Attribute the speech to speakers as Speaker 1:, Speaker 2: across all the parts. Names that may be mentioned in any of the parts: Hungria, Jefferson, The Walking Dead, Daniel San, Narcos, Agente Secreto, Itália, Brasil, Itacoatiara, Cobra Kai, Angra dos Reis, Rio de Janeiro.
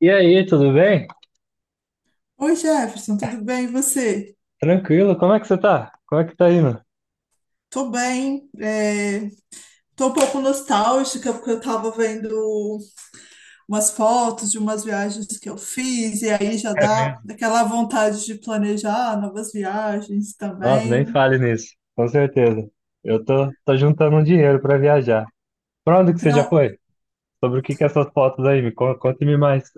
Speaker 1: E aí, tudo bem?
Speaker 2: Oi, Jefferson, tudo bem? E você?
Speaker 1: Tranquilo, como é que você tá? Como é que tá indo?
Speaker 2: Tô bem. Tô um pouco nostálgica porque eu tava vendo umas fotos de umas viagens que eu fiz e aí já
Speaker 1: É
Speaker 2: dá
Speaker 1: mesmo?
Speaker 2: aquela vontade de planejar novas viagens
Speaker 1: Nossa, nem
Speaker 2: também.
Speaker 1: fale nisso, com certeza. Eu tô juntando um dinheiro pra viajar. Pra onde que você já
Speaker 2: Para
Speaker 1: foi? Sobre o que que é essas fotos aí? Conte-me mais.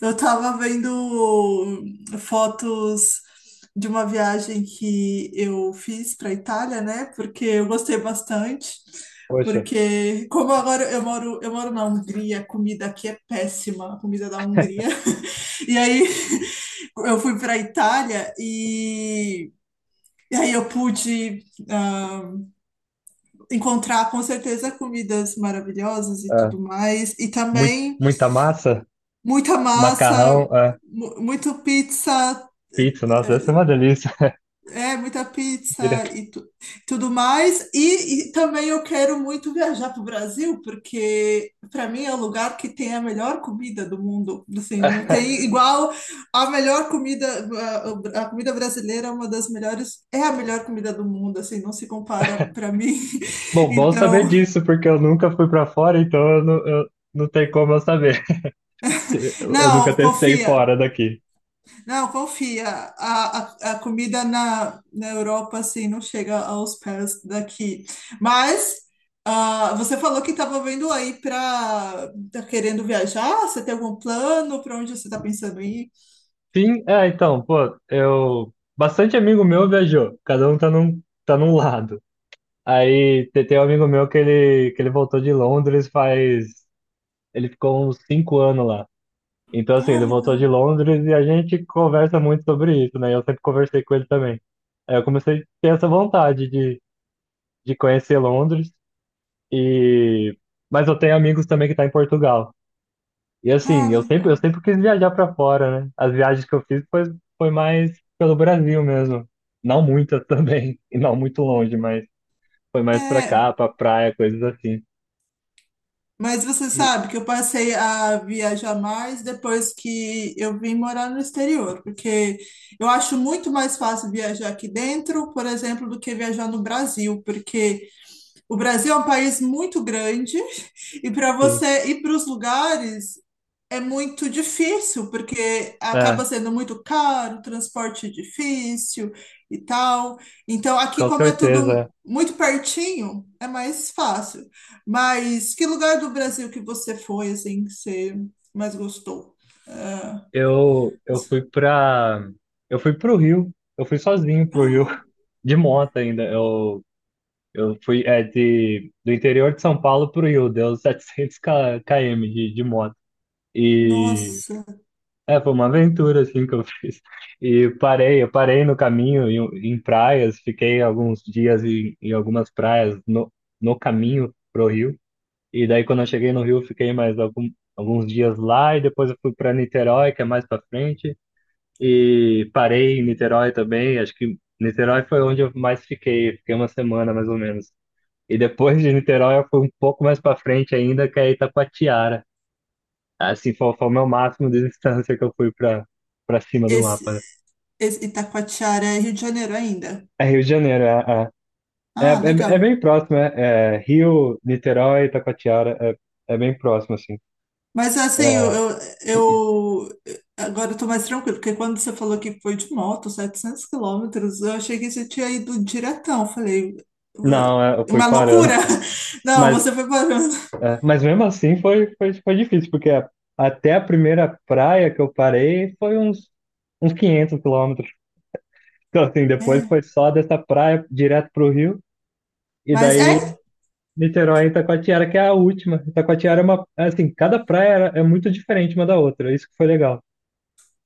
Speaker 2: eu tava vendo fotos de uma viagem que eu fiz para Itália, né? Porque eu gostei bastante.
Speaker 1: Poxa,
Speaker 2: Porque como agora eu moro na Hungria, a comida aqui é péssima, a comida da Hungria. E aí eu fui para Itália e aí eu pude ah, encontrar com certeza comidas maravilhosas e
Speaker 1: é,
Speaker 2: tudo mais. E também
Speaker 1: muita massa,
Speaker 2: muita massa,
Speaker 1: macarrão, é,
Speaker 2: muito pizza,
Speaker 1: pizza, nossa, deve ser uma delícia.
Speaker 2: é, muita pizza
Speaker 1: Diria-
Speaker 2: e tudo mais. E também eu quero muito viajar para o Brasil, porque para mim é o lugar que tem a melhor comida do mundo. Assim, não tem igual a melhor comida, a comida brasileira é uma das melhores, é a melhor comida do mundo, assim, não se compara para mim.
Speaker 1: Bom, bom saber
Speaker 2: Então,
Speaker 1: disso, porque eu nunca fui pra fora, então eu não tenho como eu saber. Eu
Speaker 2: não,
Speaker 1: nunca testei
Speaker 2: confia.
Speaker 1: fora daqui.
Speaker 2: Não, confia. A, a comida na Europa, assim, não chega aos pés daqui. Mas você falou que estava vendo aí para... Tá querendo viajar? Você tem algum plano? Para onde você está pensando em ir?
Speaker 1: Sim, é, então, pô, eu. Bastante amigo meu viajou, cada um tá num lado. Aí tem um amigo meu que ele voltou de Londres faz. Ele ficou uns 5 anos lá. Então, assim,
Speaker 2: Ah,
Speaker 1: ele voltou de
Speaker 2: legal.
Speaker 1: Londres e a gente conversa muito sobre isso, né? Eu sempre conversei com ele também. Aí eu comecei a ter essa de conhecer Londres e. Mas eu tenho amigos também que tá em Portugal. E
Speaker 2: Ah,
Speaker 1: assim, eu
Speaker 2: legal.
Speaker 1: sempre quis viajar pra fora, né? As viagens que eu foi mais pelo Brasil mesmo. Não muitas também, e não muito longe, mas foi mais pra cá,
Speaker 2: É,
Speaker 1: pra praia, coisas assim.
Speaker 2: mas você
Speaker 1: E,
Speaker 2: sabe que eu passei a viajar mais depois que eu vim morar no exterior, porque eu acho muito mais fácil viajar aqui dentro, por exemplo, do que viajar no Brasil, porque... O Brasil é um país muito grande e para
Speaker 1: sim,
Speaker 2: você ir para os lugares é muito difícil, porque
Speaker 1: é,
Speaker 2: acaba sendo muito caro, transporte difícil e tal. Então, aqui,
Speaker 1: com
Speaker 2: como é tudo
Speaker 1: certeza.
Speaker 2: muito pertinho, é mais fácil. Mas que lugar do Brasil que você foi, assim, que você mais gostou?
Speaker 1: Eu fui pra. Eu fui pro Rio. Eu fui sozinho pro Rio,
Speaker 2: Ah,
Speaker 1: de moto ainda. Eu fui é, de, do interior de São Paulo pro Rio, deu 700 km de moto. E.
Speaker 2: nossa,
Speaker 1: É, foi uma aventura assim que eu fiz. Eu parei no caminho em, em praias, fiquei alguns dias em, em algumas praias no, no caminho pro Rio. E daí quando eu cheguei no Rio, alguns dias lá e depois eu fui para Niterói, que é mais para frente, e parei em Niterói também. Acho que Niterói foi onde eu mais fiquei, fiquei 1 semana mais ou menos. E depois de Niterói eu fui um pouco mais para frente ainda, que é Itacoatiara. Assim, foi o meu máximo de distância que eu fui pra, pra cima do
Speaker 2: esse,
Speaker 1: mapa, né?
Speaker 2: esse Itacoatiara é Rio de Janeiro ainda.
Speaker 1: É Rio de Janeiro,
Speaker 2: Ah,
Speaker 1: é
Speaker 2: legal.
Speaker 1: bem próximo, é, é Rio, Niterói, Itacoatiara, é, é bem próximo, assim.
Speaker 2: Mas assim,
Speaker 1: É,
Speaker 2: eu- agora eu tô mais tranquilo, porque quando você falou que foi de moto, 700 km, eu achei que você tinha ido diretão. Falei,
Speaker 1: não, é, eu fui
Speaker 2: uma
Speaker 1: parando.
Speaker 2: loucura! Não,
Speaker 1: Mas,
Speaker 2: você foi parando.
Speaker 1: é, mas mesmo assim foi, foi, foi difícil, porque até a primeira praia que eu parei uns 500 quilômetros. Então, assim, depois
Speaker 2: É,
Speaker 1: foi só dessa praia direto pro rio, e
Speaker 2: mas
Speaker 1: daí
Speaker 2: é?
Speaker 1: Niterói e Itacoatiara, que é a última. Itacoatiara é uma, assim, é muito diferente uma da outra. Isso que foi legal.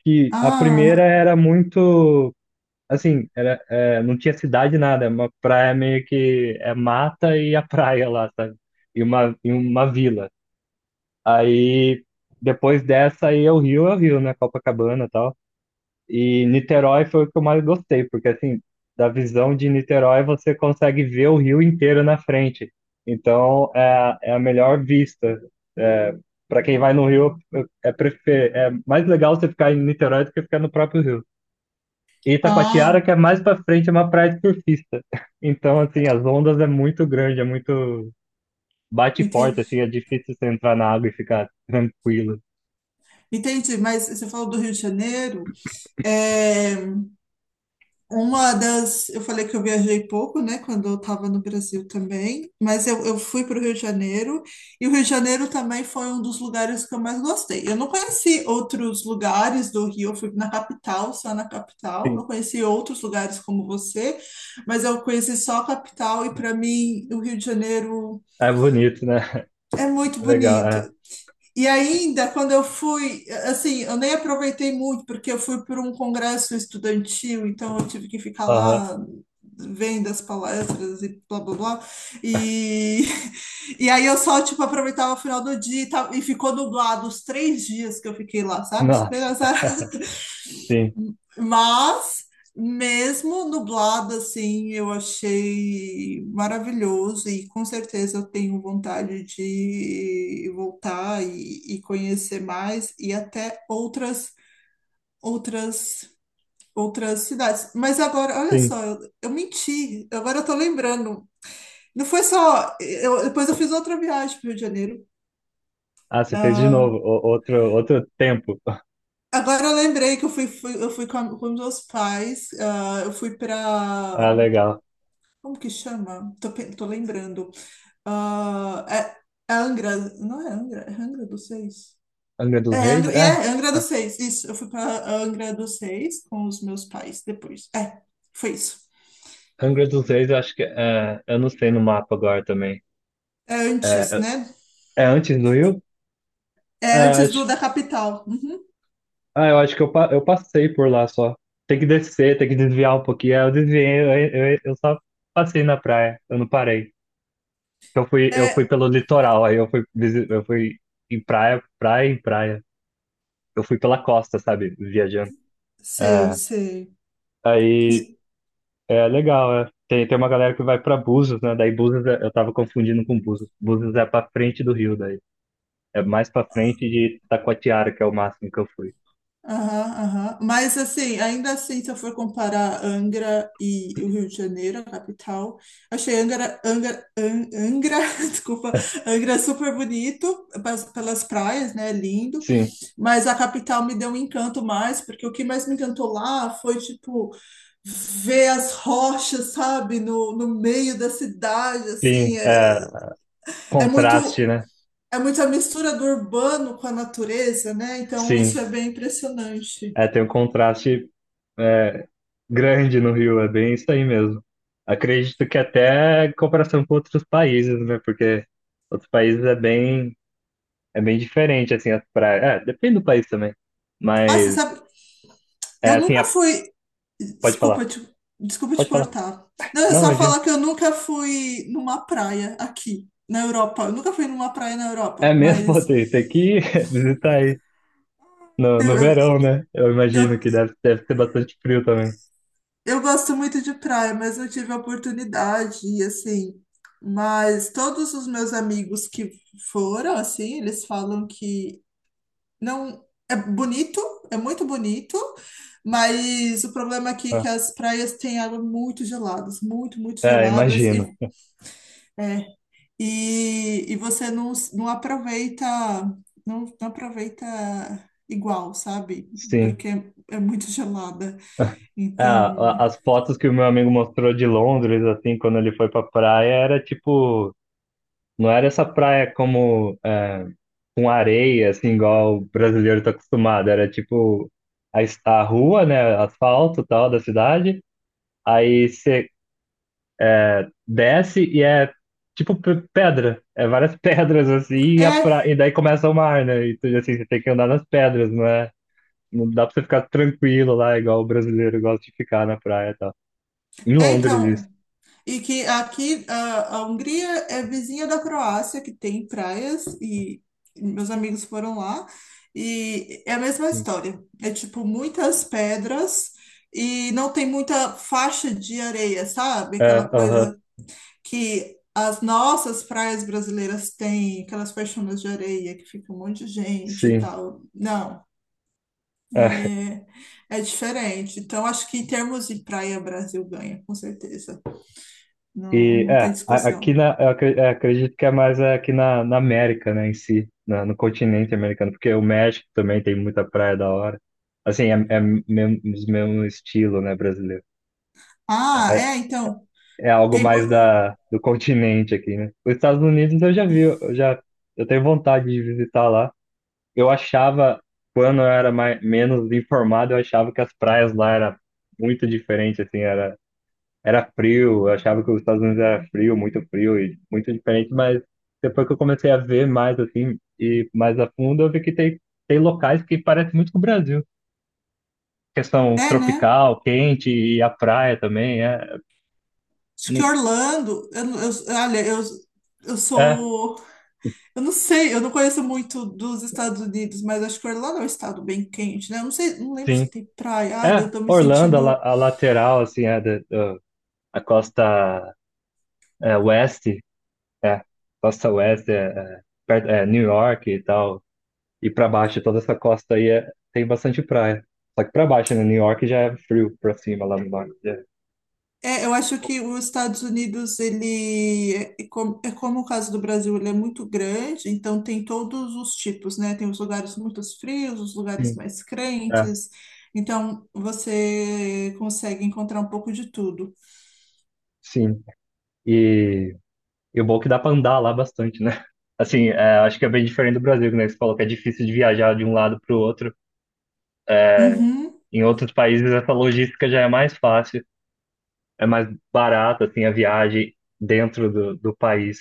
Speaker 1: Que a primeira
Speaker 2: Ah,
Speaker 1: era muito, assim, era, é, não tinha cidade nada, é uma praia meio que é mata e a praia lá, sabe? E uma vila. Aí depois dessa aí é o Rio, né? Copacabana e tal. E Niterói foi o que eu mais gostei, porque assim, da visão de Niterói você consegue ver o rio inteiro na frente. Então é, é a melhor vista. É, para quem vai no Rio, é, prefer... é mais legal você ficar em Niterói do que ficar no próprio Rio. E Itacoatiara,
Speaker 2: ah,
Speaker 1: que é mais para frente, é uma praia de surfista. Então, assim, as ondas é muito grande, é muito. Bate forte,
Speaker 2: entendi.
Speaker 1: assim, é difícil você entrar na água e ficar tranquilo.
Speaker 2: Entendi, mas você falou do Rio de Janeiro. É, uma das. Eu falei que eu viajei pouco, né, quando eu estava no Brasil também, mas eu fui para o Rio de Janeiro, e o Rio de Janeiro também foi um dos lugares que eu mais gostei. Eu não conheci outros lugares do Rio, eu fui na capital, só na capital,
Speaker 1: Sim,
Speaker 2: não conheci outros lugares como você, mas eu conheci só a capital, e para mim o Rio de Janeiro
Speaker 1: é bonito, né?
Speaker 2: é muito
Speaker 1: É legal,
Speaker 2: bonito.
Speaker 1: é.
Speaker 2: E ainda, quando eu fui, assim, eu nem aproveitei muito, porque eu fui por um congresso estudantil, então eu tive que ficar
Speaker 1: Aham.
Speaker 2: lá vendo as palestras e blá blá blá. E, e aí eu só, tipo, aproveitava o final do dia e tal, e ficou nublado os três dias que eu fiquei lá, sabe? Super
Speaker 1: Nossa.
Speaker 2: azar.
Speaker 1: Sim,
Speaker 2: Mas, mesmo nublado assim, eu achei maravilhoso e com certeza eu tenho vontade de voltar e conhecer mais e até outras outras cidades. Mas agora, olha
Speaker 1: sim.
Speaker 2: só, eu menti. Agora eu tô lembrando. Não foi só, depois eu fiz outra viagem para o Rio de Janeiro.
Speaker 1: Ah, você fez de
Speaker 2: Ah,
Speaker 1: novo, outro, outro tempo.
Speaker 2: agora eu lembrei que eu fui, eu fui com, com meus pais. Eu fui
Speaker 1: Ah,
Speaker 2: para
Speaker 1: legal.
Speaker 2: como que chama? Tô, tô lembrando. Ah, é, é Angra, não é Angra? É Angra dos Seis.
Speaker 1: Angra
Speaker 2: É
Speaker 1: dos Reis?
Speaker 2: Angra, e
Speaker 1: É.
Speaker 2: é Angra
Speaker 1: Ah,
Speaker 2: dos Seis, isso. Eu fui para Angra dos Seis com os meus pais depois. É, foi isso.
Speaker 1: Angra dos Reis, eu acho que é. Eu não sei no mapa agora também.
Speaker 2: É antes,
Speaker 1: É,
Speaker 2: né?
Speaker 1: é antes do Rio?
Speaker 2: É
Speaker 1: É,
Speaker 2: antes
Speaker 1: acho,
Speaker 2: do da capital. Uhum.
Speaker 1: ah, eu acho que eu, eu passei por lá só. Tem que descer, tem que desviar um pouquinho. Aí eu desviei, eu só passei na praia, eu não parei. Eu fui
Speaker 2: É,
Speaker 1: pelo litoral, aí eu fui, eu fui em praia, praia em praia. Eu fui pela costa, sabe? Viajando.
Speaker 2: sei,
Speaker 1: É,
Speaker 2: sei.
Speaker 1: aí.
Speaker 2: E
Speaker 1: É legal, é. Tem, tem uma galera que vai pra Búzios, né? Daí Búzios, é- eu tava confundindo com Búzios. Búzios é pra frente do Rio, daí. É mais pra frente de Taquatiara, que é o máximo que eu fui.
Speaker 2: aham, aham. Mas assim, ainda assim, se eu for comparar Angra e o Rio de Janeiro, a capital, achei Angra, Angra, Angra, desculpa, Angra super bonito, pelas praias, né, lindo,
Speaker 1: Sim,
Speaker 2: mas a capital me deu um encanto mais, porque o que mais me encantou lá foi, tipo, ver as rochas, sabe, no, no meio da cidade, assim,
Speaker 1: sim,
Speaker 2: é,
Speaker 1: é,
Speaker 2: é muito...
Speaker 1: contraste, né?
Speaker 2: É muito a mistura do urbano com a natureza, né? Então, isso
Speaker 1: Sim,
Speaker 2: é bem impressionante.
Speaker 1: é, tem um contraste é, grande no Rio, é bem isso aí mesmo. Acredito que até em comparação com outros países, né? Porque outros países é bem diferente, assim, as praias. É, depende do país também.
Speaker 2: Ah, você
Speaker 1: Mas,
Speaker 2: sabe,
Speaker 1: é
Speaker 2: eu
Speaker 1: assim,
Speaker 2: nunca
Speaker 1: é-
Speaker 2: fui.
Speaker 1: pode falar,
Speaker 2: Desculpa te, desculpa te
Speaker 1: pode falar.
Speaker 2: cortar. Não, é
Speaker 1: Não,
Speaker 2: só
Speaker 1: imagina.
Speaker 2: falar que eu nunca fui numa praia aqui, na Europa. Eu nunca fui numa praia na
Speaker 1: É
Speaker 2: Europa,
Speaker 1: mesmo, pô,
Speaker 2: mas
Speaker 1: tem, tem que ir visitar aí no,
Speaker 2: eu,
Speaker 1: no verão, né? Eu
Speaker 2: eu,
Speaker 1: imagino
Speaker 2: eu
Speaker 1: que deve ser bastante frio também.
Speaker 2: eu gosto muito de praia, mas não tive a oportunidade, e assim. Mas todos os meus amigos que foram, assim, eles falam que não. É bonito, é muito bonito, mas o problema aqui é
Speaker 1: Ah,
Speaker 2: que as praias têm água muito geladas, muito, muito
Speaker 1: é,
Speaker 2: geladas,
Speaker 1: imagino.
Speaker 2: e é, e você não, não aproveita, não, não aproveita igual, sabe?
Speaker 1: Sim.
Speaker 2: Porque é muito gelada.
Speaker 1: Ah,
Speaker 2: Então,
Speaker 1: as fotos que o meu amigo mostrou de Londres, assim, quando ele foi pra praia, era tipo. Não era essa praia como é, com areia, assim, igual o brasileiro tá acostumado. Era tipo a, a rua, né? Asfalto e tal da cidade. Aí desce e é tipo pedra. É várias pedras assim, e, a
Speaker 2: é,
Speaker 1: pra... e daí começa o mar, né? E tu, assim, você tem que andar nas pedras, não é? Não dá pra você ficar tranquilo lá, igual o brasileiro gosta de ficar na praia e tal. Em
Speaker 2: é
Speaker 1: Londres, isso.
Speaker 2: então. E que aqui a Hungria é vizinha da Croácia, que tem praias, e meus amigos foram lá, e é a mesma
Speaker 1: Sim.
Speaker 2: história. É tipo muitas pedras. E não tem muita faixa de areia, sabe? Aquela
Speaker 1: É, aham,
Speaker 2: coisa que as nossas praias brasileiras têm, aquelas faixonas de areia que fica um monte de gente e
Speaker 1: sim.
Speaker 2: tal. Não,
Speaker 1: É,
Speaker 2: é é diferente. Então, acho que em termos de praia, Brasil ganha, com certeza. Não, não tem
Speaker 1: aqui
Speaker 2: discussão.
Speaker 1: na, é, acredito que é mais é, aqui na, na América, né, em si, no continente americano, porque o México também tem muita praia da hora. Assim, é, é mesmo, mesmo estilo, né, brasileiro.
Speaker 2: Ah,
Speaker 1: É,
Speaker 2: é, então,
Speaker 1: é algo
Speaker 2: tem,
Speaker 1: mais da, do continente aqui, né? Os Estados Unidos eu já vi, eu já eu tenho vontade de visitar lá. Eu achava, quando eu era mais, menos informado, eu achava que as praias lá era muito diferente, assim, era, era frio, eu achava que os Estados Unidos era frio, muito frio e muito diferente, mas depois que eu comecei a ver mais, assim, e mais a fundo, eu vi que tem, tem locais que parecem muito com o Brasil. Questão
Speaker 2: é, né?
Speaker 1: tropical, quente e a praia também, é,
Speaker 2: Acho que Orlando, olha, eu
Speaker 1: é,
Speaker 2: sou, eu não sei, eu não conheço muito dos Estados Unidos, mas acho que Orlando é um estado bem quente, né? Eu não sei, não lembro se
Speaker 1: sim.
Speaker 2: tem praia. Olha,
Speaker 1: É,
Speaker 2: eu tô me
Speaker 1: Orlando, a,
Speaker 2: sentindo
Speaker 1: a lateral, assim, é, a costa é, oeste, é, costa oeste, é, é, é, New York e tal, e pra baixo, toda essa costa aí tem bastante praia. Só que pra baixo, né, New York já é frio pra cima, lá no norte. É.
Speaker 2: é, eu acho que os Estados Unidos, ele é como o caso do Brasil, ele é muito grande, então tem todos os tipos, né? Tem os lugares muito frios, os lugares
Speaker 1: Sim,
Speaker 2: mais
Speaker 1: é,
Speaker 2: crentes, então você consegue encontrar um pouco de tudo.
Speaker 1: sim. E, e o bom é que dá pra andar lá bastante, né? Assim, é, acho que é bem diferente do Brasil, né? Você falou que é difícil de viajar de um lado pro outro.
Speaker 2: Uhum,
Speaker 1: Em outros países, essa logística já é mais fácil. É mais barata assim a viagem dentro do, do país.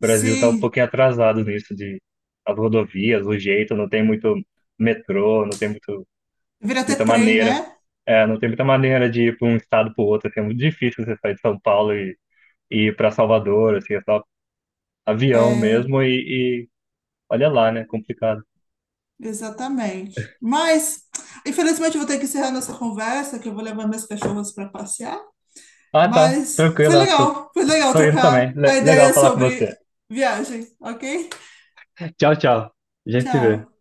Speaker 1: O Brasil está um
Speaker 2: sim,
Speaker 1: pouquinho atrasado nisso de as rodovias, o jeito, não tem muito metrô, não tem muito,
Speaker 2: vira até
Speaker 1: muita
Speaker 2: trem,
Speaker 1: maneira,
Speaker 2: né?
Speaker 1: é, não tem muita maneira de ir para um estado para o outro, assim, é muito difícil você sair de São Paulo e ir para Salvador, assim, é só avião
Speaker 2: É,
Speaker 1: mesmo e olha lá, né, complicado.
Speaker 2: exatamente. Mas, infelizmente, eu vou ter que encerrar nossa conversa, que eu vou levar minhas cachorras para passear.
Speaker 1: Ah, tá,
Speaker 2: Mas
Speaker 1: tranquilo, eu tô,
Speaker 2: foi legal
Speaker 1: tô indo
Speaker 2: trocar
Speaker 1: também.
Speaker 2: a
Speaker 1: Legal
Speaker 2: ideia
Speaker 1: falar com
Speaker 2: sobre
Speaker 1: você.
Speaker 2: viagem, ok?
Speaker 1: Tchau, tchau. A gente se vê.
Speaker 2: Tchau.